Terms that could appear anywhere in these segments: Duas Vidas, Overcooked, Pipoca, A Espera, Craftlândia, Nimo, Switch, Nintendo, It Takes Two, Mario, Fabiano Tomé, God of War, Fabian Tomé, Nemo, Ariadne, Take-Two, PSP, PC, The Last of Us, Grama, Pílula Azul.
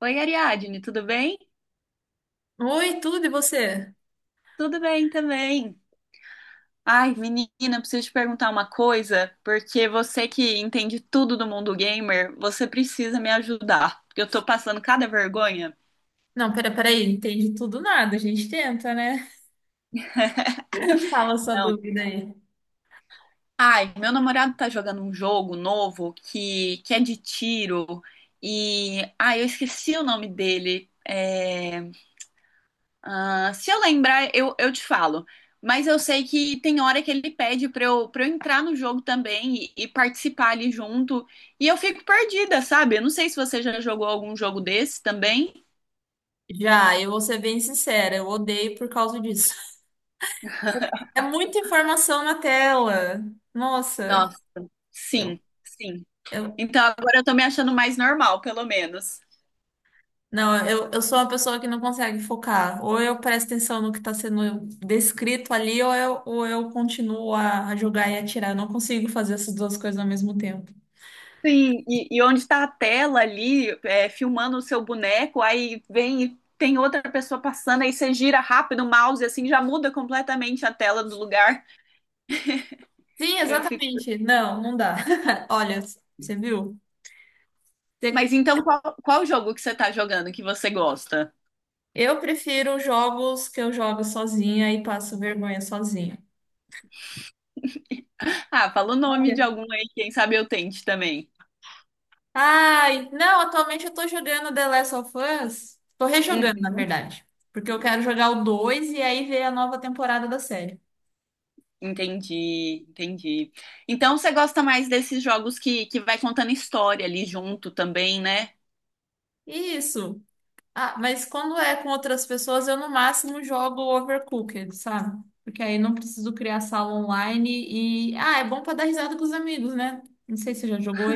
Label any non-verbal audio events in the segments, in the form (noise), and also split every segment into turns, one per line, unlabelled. Oi, Ariadne, tudo bem?
Oi, tudo e você?
Tudo bem também. Ai, menina, preciso te perguntar uma coisa, porque você que entende tudo do mundo gamer, você precisa me ajudar, porque eu tô passando cada vergonha.
Não, pera, peraí, entende tudo nada, a gente tenta, né? (laughs) Fala a sua
Não.
dúvida aí.
Ai, meu namorado tá jogando um jogo novo que é de tiro e, ai, eu esqueci o nome dele. Ah, se eu lembrar, eu te falo. Mas eu sei que tem hora que ele pede pra eu entrar no jogo também e participar ali junto. E eu fico perdida, sabe? Eu não sei se você já jogou algum jogo desse também.
Já, eu vou ser bem sincera, eu odeio por causa disso. É muita informação na tela. Nossa,
Nossa,
eu,
sim, sim.
eu,
Então agora eu tô me achando mais normal, pelo menos.
não, eu sou uma pessoa que não consegue focar. Ou eu presto atenção no que está sendo descrito ali, ou eu continuo a jogar e atirar. Eu não consigo fazer essas duas coisas ao mesmo tempo.
Sim, e onde está a tela ali, é, filmando o seu boneco, aí vem e tem outra pessoa passando, aí você gira rápido o mouse, assim, já muda completamente a tela do lugar.
Sim,
Eu.
exatamente. Não, não dá. (laughs) Olha, você viu?
Mas então, qual jogo que você tá jogando que você gosta?
Eu prefiro jogos que eu jogo sozinha e passo vergonha sozinha.
Ah, fala o nome de
Olha.
algum aí, quem sabe eu tente também.
Ai, não, atualmente eu tô jogando The Last of Us. Tô rejogando, na
Uhum.
verdade. Porque eu quero jogar o 2 e aí ver a nova temporada da série.
Entendi, entendi. Então você gosta mais desses jogos que vai contando história ali junto também, né?
Isso. Ah, mas quando é com outras pessoas, eu no máximo jogo Overcooked, sabe? Porque aí não preciso criar sala online e. Ah, é bom pra dar risada com os amigos, né? Não sei se você já jogou.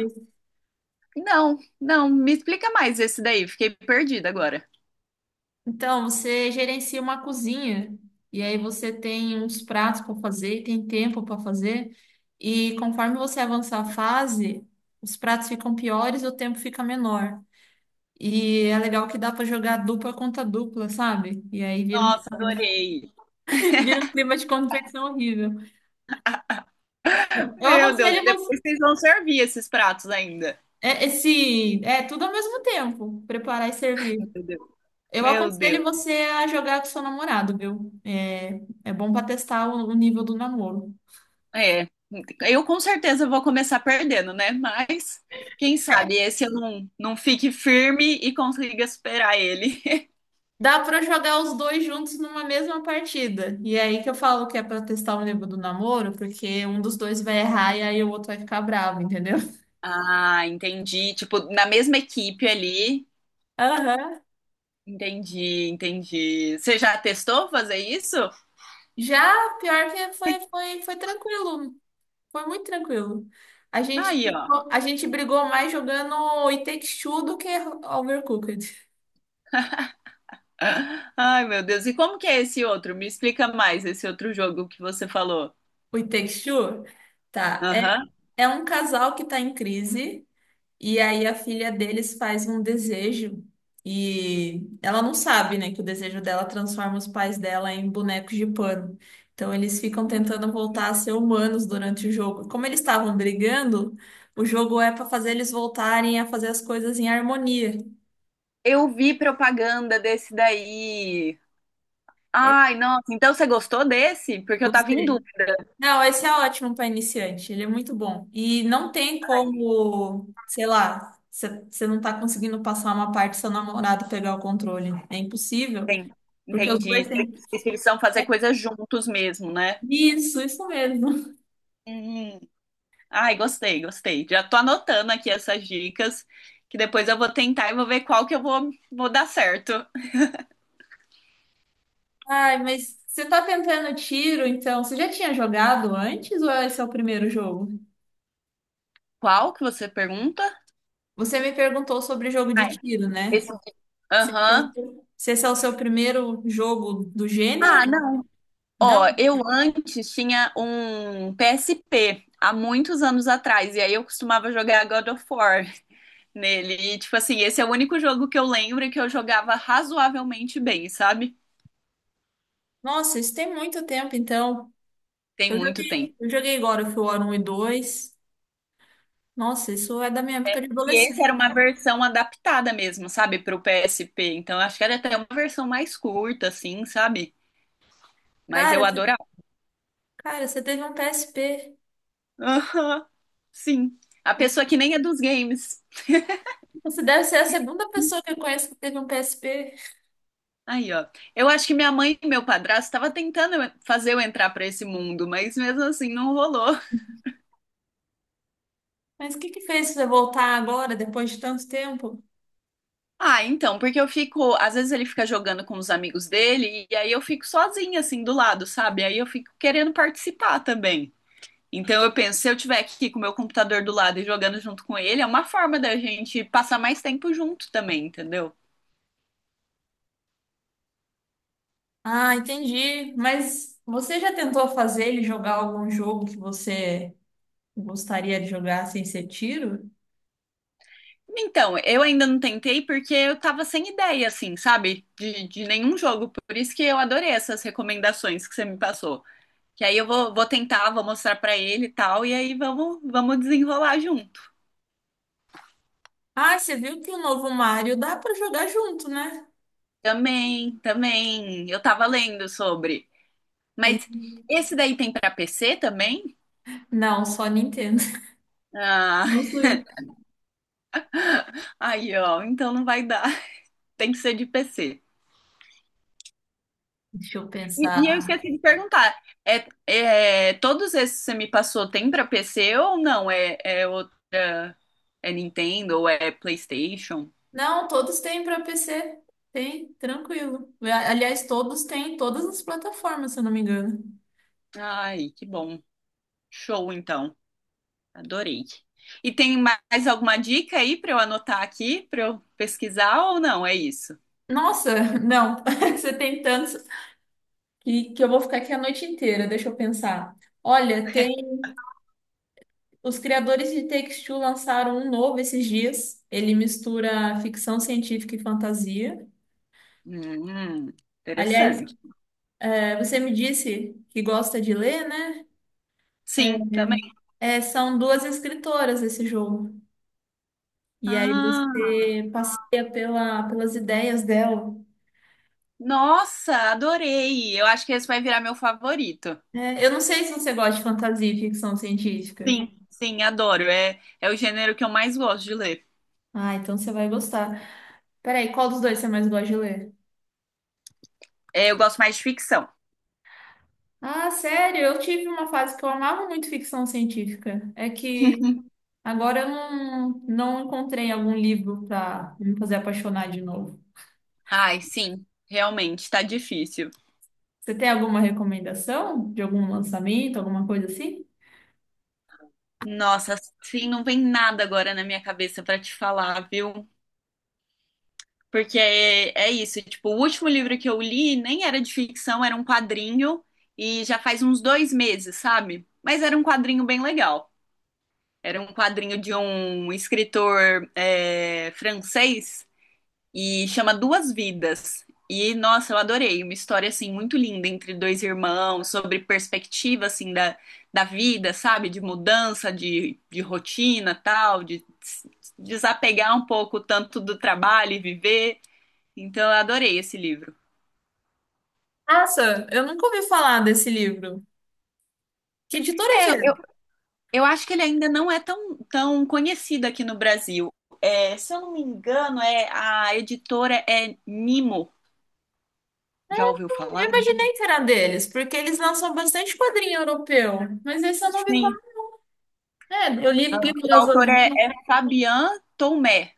Não, não, me explica mais esse daí, fiquei perdida agora.
Então, você gerencia uma cozinha e aí você tem uns pratos para fazer e tem tempo para fazer. E conforme você avança a fase, os pratos ficam piores e o tempo fica menor. E é legal que dá para jogar dupla contra dupla, sabe? E aí vira um,
Nossa, adorei.
(laughs) vira um clima de competição horrível. Eu
Meu Deus,
aconselho
e
você.
depois vocês vão servir esses pratos ainda.
É, esse, é tudo ao mesmo tempo, preparar e servir.
Meu Deus.
Eu
Meu
aconselho
Deus.
você a jogar com seu namorado, viu? É, é bom para testar o nível do namoro.
É, eu com certeza vou começar perdendo, né? Mas quem sabe esse eu não fique firme e consiga superar ele. (laughs)
Dá pra jogar os dois juntos numa mesma partida. E é aí que eu falo que é pra testar o nível do namoro, porque um dos dois vai errar e aí o outro vai ficar bravo, entendeu?
Ah, entendi. Tipo, na mesma equipe ali.
Aham.
Entendi, entendi. Você já testou fazer isso?
Já, pior que foi, foi tranquilo. Foi muito tranquilo. A gente,
Aí, ó.
a gente brigou mais jogando o It Takes Two do que Overcooked.
(laughs) Ai, meu Deus. E como que é esse outro? Me explica mais esse outro jogo que você falou.
O It Takes Two? Tá. É,
Aham.
é um casal que tá em crise. E aí a filha deles faz um desejo e ela não sabe, né, que o desejo dela transforma os pais dela em bonecos de pano. Então eles ficam tentando voltar a ser humanos durante o jogo. Como eles estavam brigando, o jogo é para fazer eles voltarem a fazer as coisas em harmonia.
Eu vi propaganda desse daí.
É,
Ai, nossa. Então você gostou desse? Porque eu tava em.
gostei. Não, esse é ótimo para iniciante, ele é muito bom. E não tem como, sei lá, você não tá conseguindo passar uma parte do seu namorado pegar o controle. É impossível.
Sim,
Porque os
entendi.
dois têm que.
Vocês precisam fazer coisas juntos mesmo, né?
Isso mesmo.
Hum. Ai, gostei, gostei. Já tô anotando aqui essas dicas, que depois eu vou tentar e vou ver qual que eu vou dar certo.
Ai, mas você tá tentando tiro, então? Você já tinha jogado antes ou esse é o primeiro jogo?
Qual que você pergunta?
Você me perguntou sobre jogo de
Ai,
tiro,
esse.
né? Se esse é o
Aham.
seu Se esse é o seu primeiro jogo do
Ah,
gênero?
não.
Não?
Ó, eu antes tinha um PSP há muitos anos atrás, e aí eu costumava jogar God of War nele. E, tipo assim, esse é o único jogo que eu lembro que eu jogava razoavelmente bem, sabe?
Nossa, isso tem muito tempo, então.
Tem muito tempo.
Eu joguei God of War 1 e 2. Nossa, isso é da minha época de
E esse
adolescente.
era uma versão adaptada mesmo, sabe, pro PSP. Então eu acho que era até uma versão mais curta, assim, sabe? Mas
Cara,
eu
você,
adorava.
cara, você teve um PSP.
Aham, sim. A pessoa que nem é dos games.
Você deve ser a segunda pessoa que eu conheço que teve um PSP.
Aí, ó. Eu acho que minha mãe e meu padrasto estavam tentando fazer eu entrar pra esse mundo, mas mesmo assim não rolou. (laughs)
Mas o que que fez você voltar agora, depois de tanto tempo?
Ah, então, porque eu fico. Às vezes ele fica jogando com os amigos dele e aí eu fico sozinha, assim, do lado, sabe? Aí eu fico querendo participar também. Então eu penso, se eu tiver aqui com o meu computador do lado e jogando junto com ele, é uma forma da gente passar mais tempo junto também, entendeu?
Ah, entendi. Mas você já tentou fazer ele jogar algum jogo que você gostaria de jogar sem ser tiro?
Então, eu ainda não tentei porque eu tava sem ideia, assim, sabe? De nenhum jogo. Por isso que eu adorei essas recomendações que você me passou. Que aí eu vou tentar, vou mostrar pra ele e tal, e aí vamos desenrolar junto.
Ah, você viu que o novo Mario dá pra jogar junto, né?
Também, também. Eu tava lendo sobre.
Ele...
Mas esse daí tem pra PC também?
Não, só Nintendo. (laughs)
Ah,
Não Switch.
(laughs) aí ó, então não vai dar. Tem que ser de PC.
Deixa eu
E,
pensar.
e eu esqueci de perguntar, é, é, todos esses que você me passou tem pra PC ou não? É, é outra, é Nintendo ou é PlayStation?
Não, todos têm para PC. Tem, tranquilo. A- Aliás, todos têm em todas as plataformas, se eu não me engano.
Ai, que bom. Show, então. Adorei. E tem mais alguma dica aí pra eu anotar aqui, pra eu pesquisar ou não? É isso.
Nossa, não. (laughs) Você tem tantos. Que eu vou ficar aqui a noite inteira, deixa eu pensar. Olha, tem. Os criadores de Take-Two lançaram um novo esses dias. Ele mistura ficção científica e fantasia.
Hum,
Aliás,
interessante.
é, você me disse que gosta de ler, né?
Sim, também.
São duas escritoras esse jogo. E aí
Ah,
você passeia pelas ideias dela.
nossa, adorei. Eu acho que esse vai virar meu favorito.
É, eu não sei se você gosta de fantasia e ficção científica.
Sim, sim, adoro. É, é o gênero que eu mais gosto de ler.
Ah, então você vai gostar. Peraí, qual dos dois você mais gosta de ler?
É, eu gosto mais de ficção.
Ah, sério, eu tive uma fase que eu amava muito ficção científica. É que
(laughs)
agora eu não, não encontrei algum livro para me fazer apaixonar de novo.
Ai, sim, realmente, tá difícil.
Você tem alguma recomendação de algum lançamento, alguma coisa assim?
Nossa, sim, não vem nada agora na minha cabeça pra te falar, viu? Porque é, é isso, tipo, o último livro que eu li nem era de ficção, era um quadrinho e já faz uns dois meses, sabe? Mas era um quadrinho bem legal. Era um quadrinho de um escritor é, francês e chama Duas Vidas. E nossa, eu adorei, uma história assim muito linda entre dois irmãos, sobre perspectiva assim da, da vida, sabe, de mudança de rotina, tal, desapegar um pouco tanto do trabalho e viver. Então eu adorei esse livro.
Nossa, eu nunca ouvi falar desse livro. Que editora
É,
que é?
eu, eu acho que ele ainda não é tão, tão conhecido aqui no Brasil. É, se eu não me engano, é a editora é Nimo. Já ouviu falar?
Eu imaginei que era deles, porque eles lançam bastante quadrinho europeu, mas esse eu não ouvi
Sim.
falar. É, eu li
O
Pílulas
autor é,
Azuis.
é Fabian Tomé.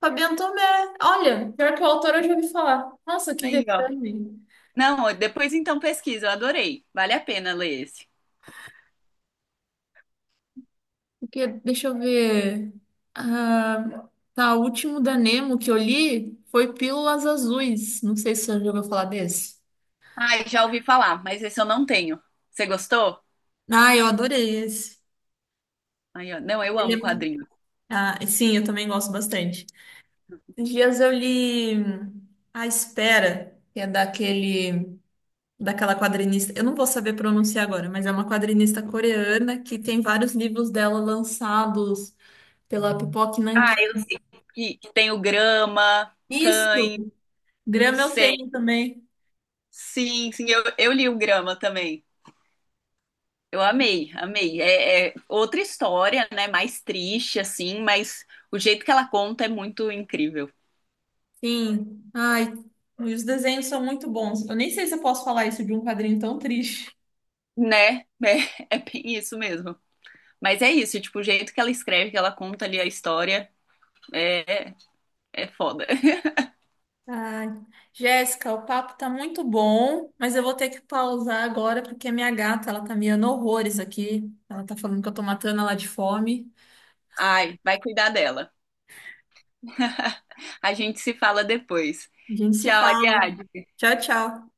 Fabiano Tomé. Olha, pior que o autor eu já ouvi falar. Nossa, que
Aí, ó.
vexame.
Não, ó, depois então pesquisa, eu adorei. Vale a pena ler esse.
Porque, deixa eu ver. Ah, tá, o último da Nemo que eu li foi Pílulas Azuis. Não sei se você já ouviu falar desse.
Ai, já ouvi falar, mas esse eu não tenho. Você gostou?
Ah, eu adorei esse.
Aí, ó. Não, eu amo
Ele
quadrinho.
é- Ah, sim, eu também gosto bastante. Esses dias eu li A Espera, que é daquela quadrinista. Eu não vou saber pronunciar agora, mas é uma quadrinista coreana que tem vários livros dela lançados pela Pipoca.
Ah, eu sei que tem o Grama,
Isso,
Cães,
grama eu
sei.
tenho também.
Sim, sim, eu li o Grama também. Eu amei, amei. É, é outra história, né? Mais triste, assim, mas o jeito que ela conta é muito incrível,
Sim. Ai, e os desenhos são muito bons. Eu nem sei se eu posso falar isso de um quadrinho tão triste.
né? (laughs) É, é bem isso mesmo. Mas é isso, tipo, o jeito que ela escreve, que ela conta ali a história, é foda. (laughs)
Ai, Jéssica, o papo tá muito bom, mas eu vou ter que pausar agora porque a minha gata, ela tá miando horrores aqui. Ela tá falando que eu tô matando ela de fome.
Ai, vai cuidar dela. (laughs) A gente se fala depois.
A gente se
Tchau,
fala.
Ariadne.
Tchau, tchau.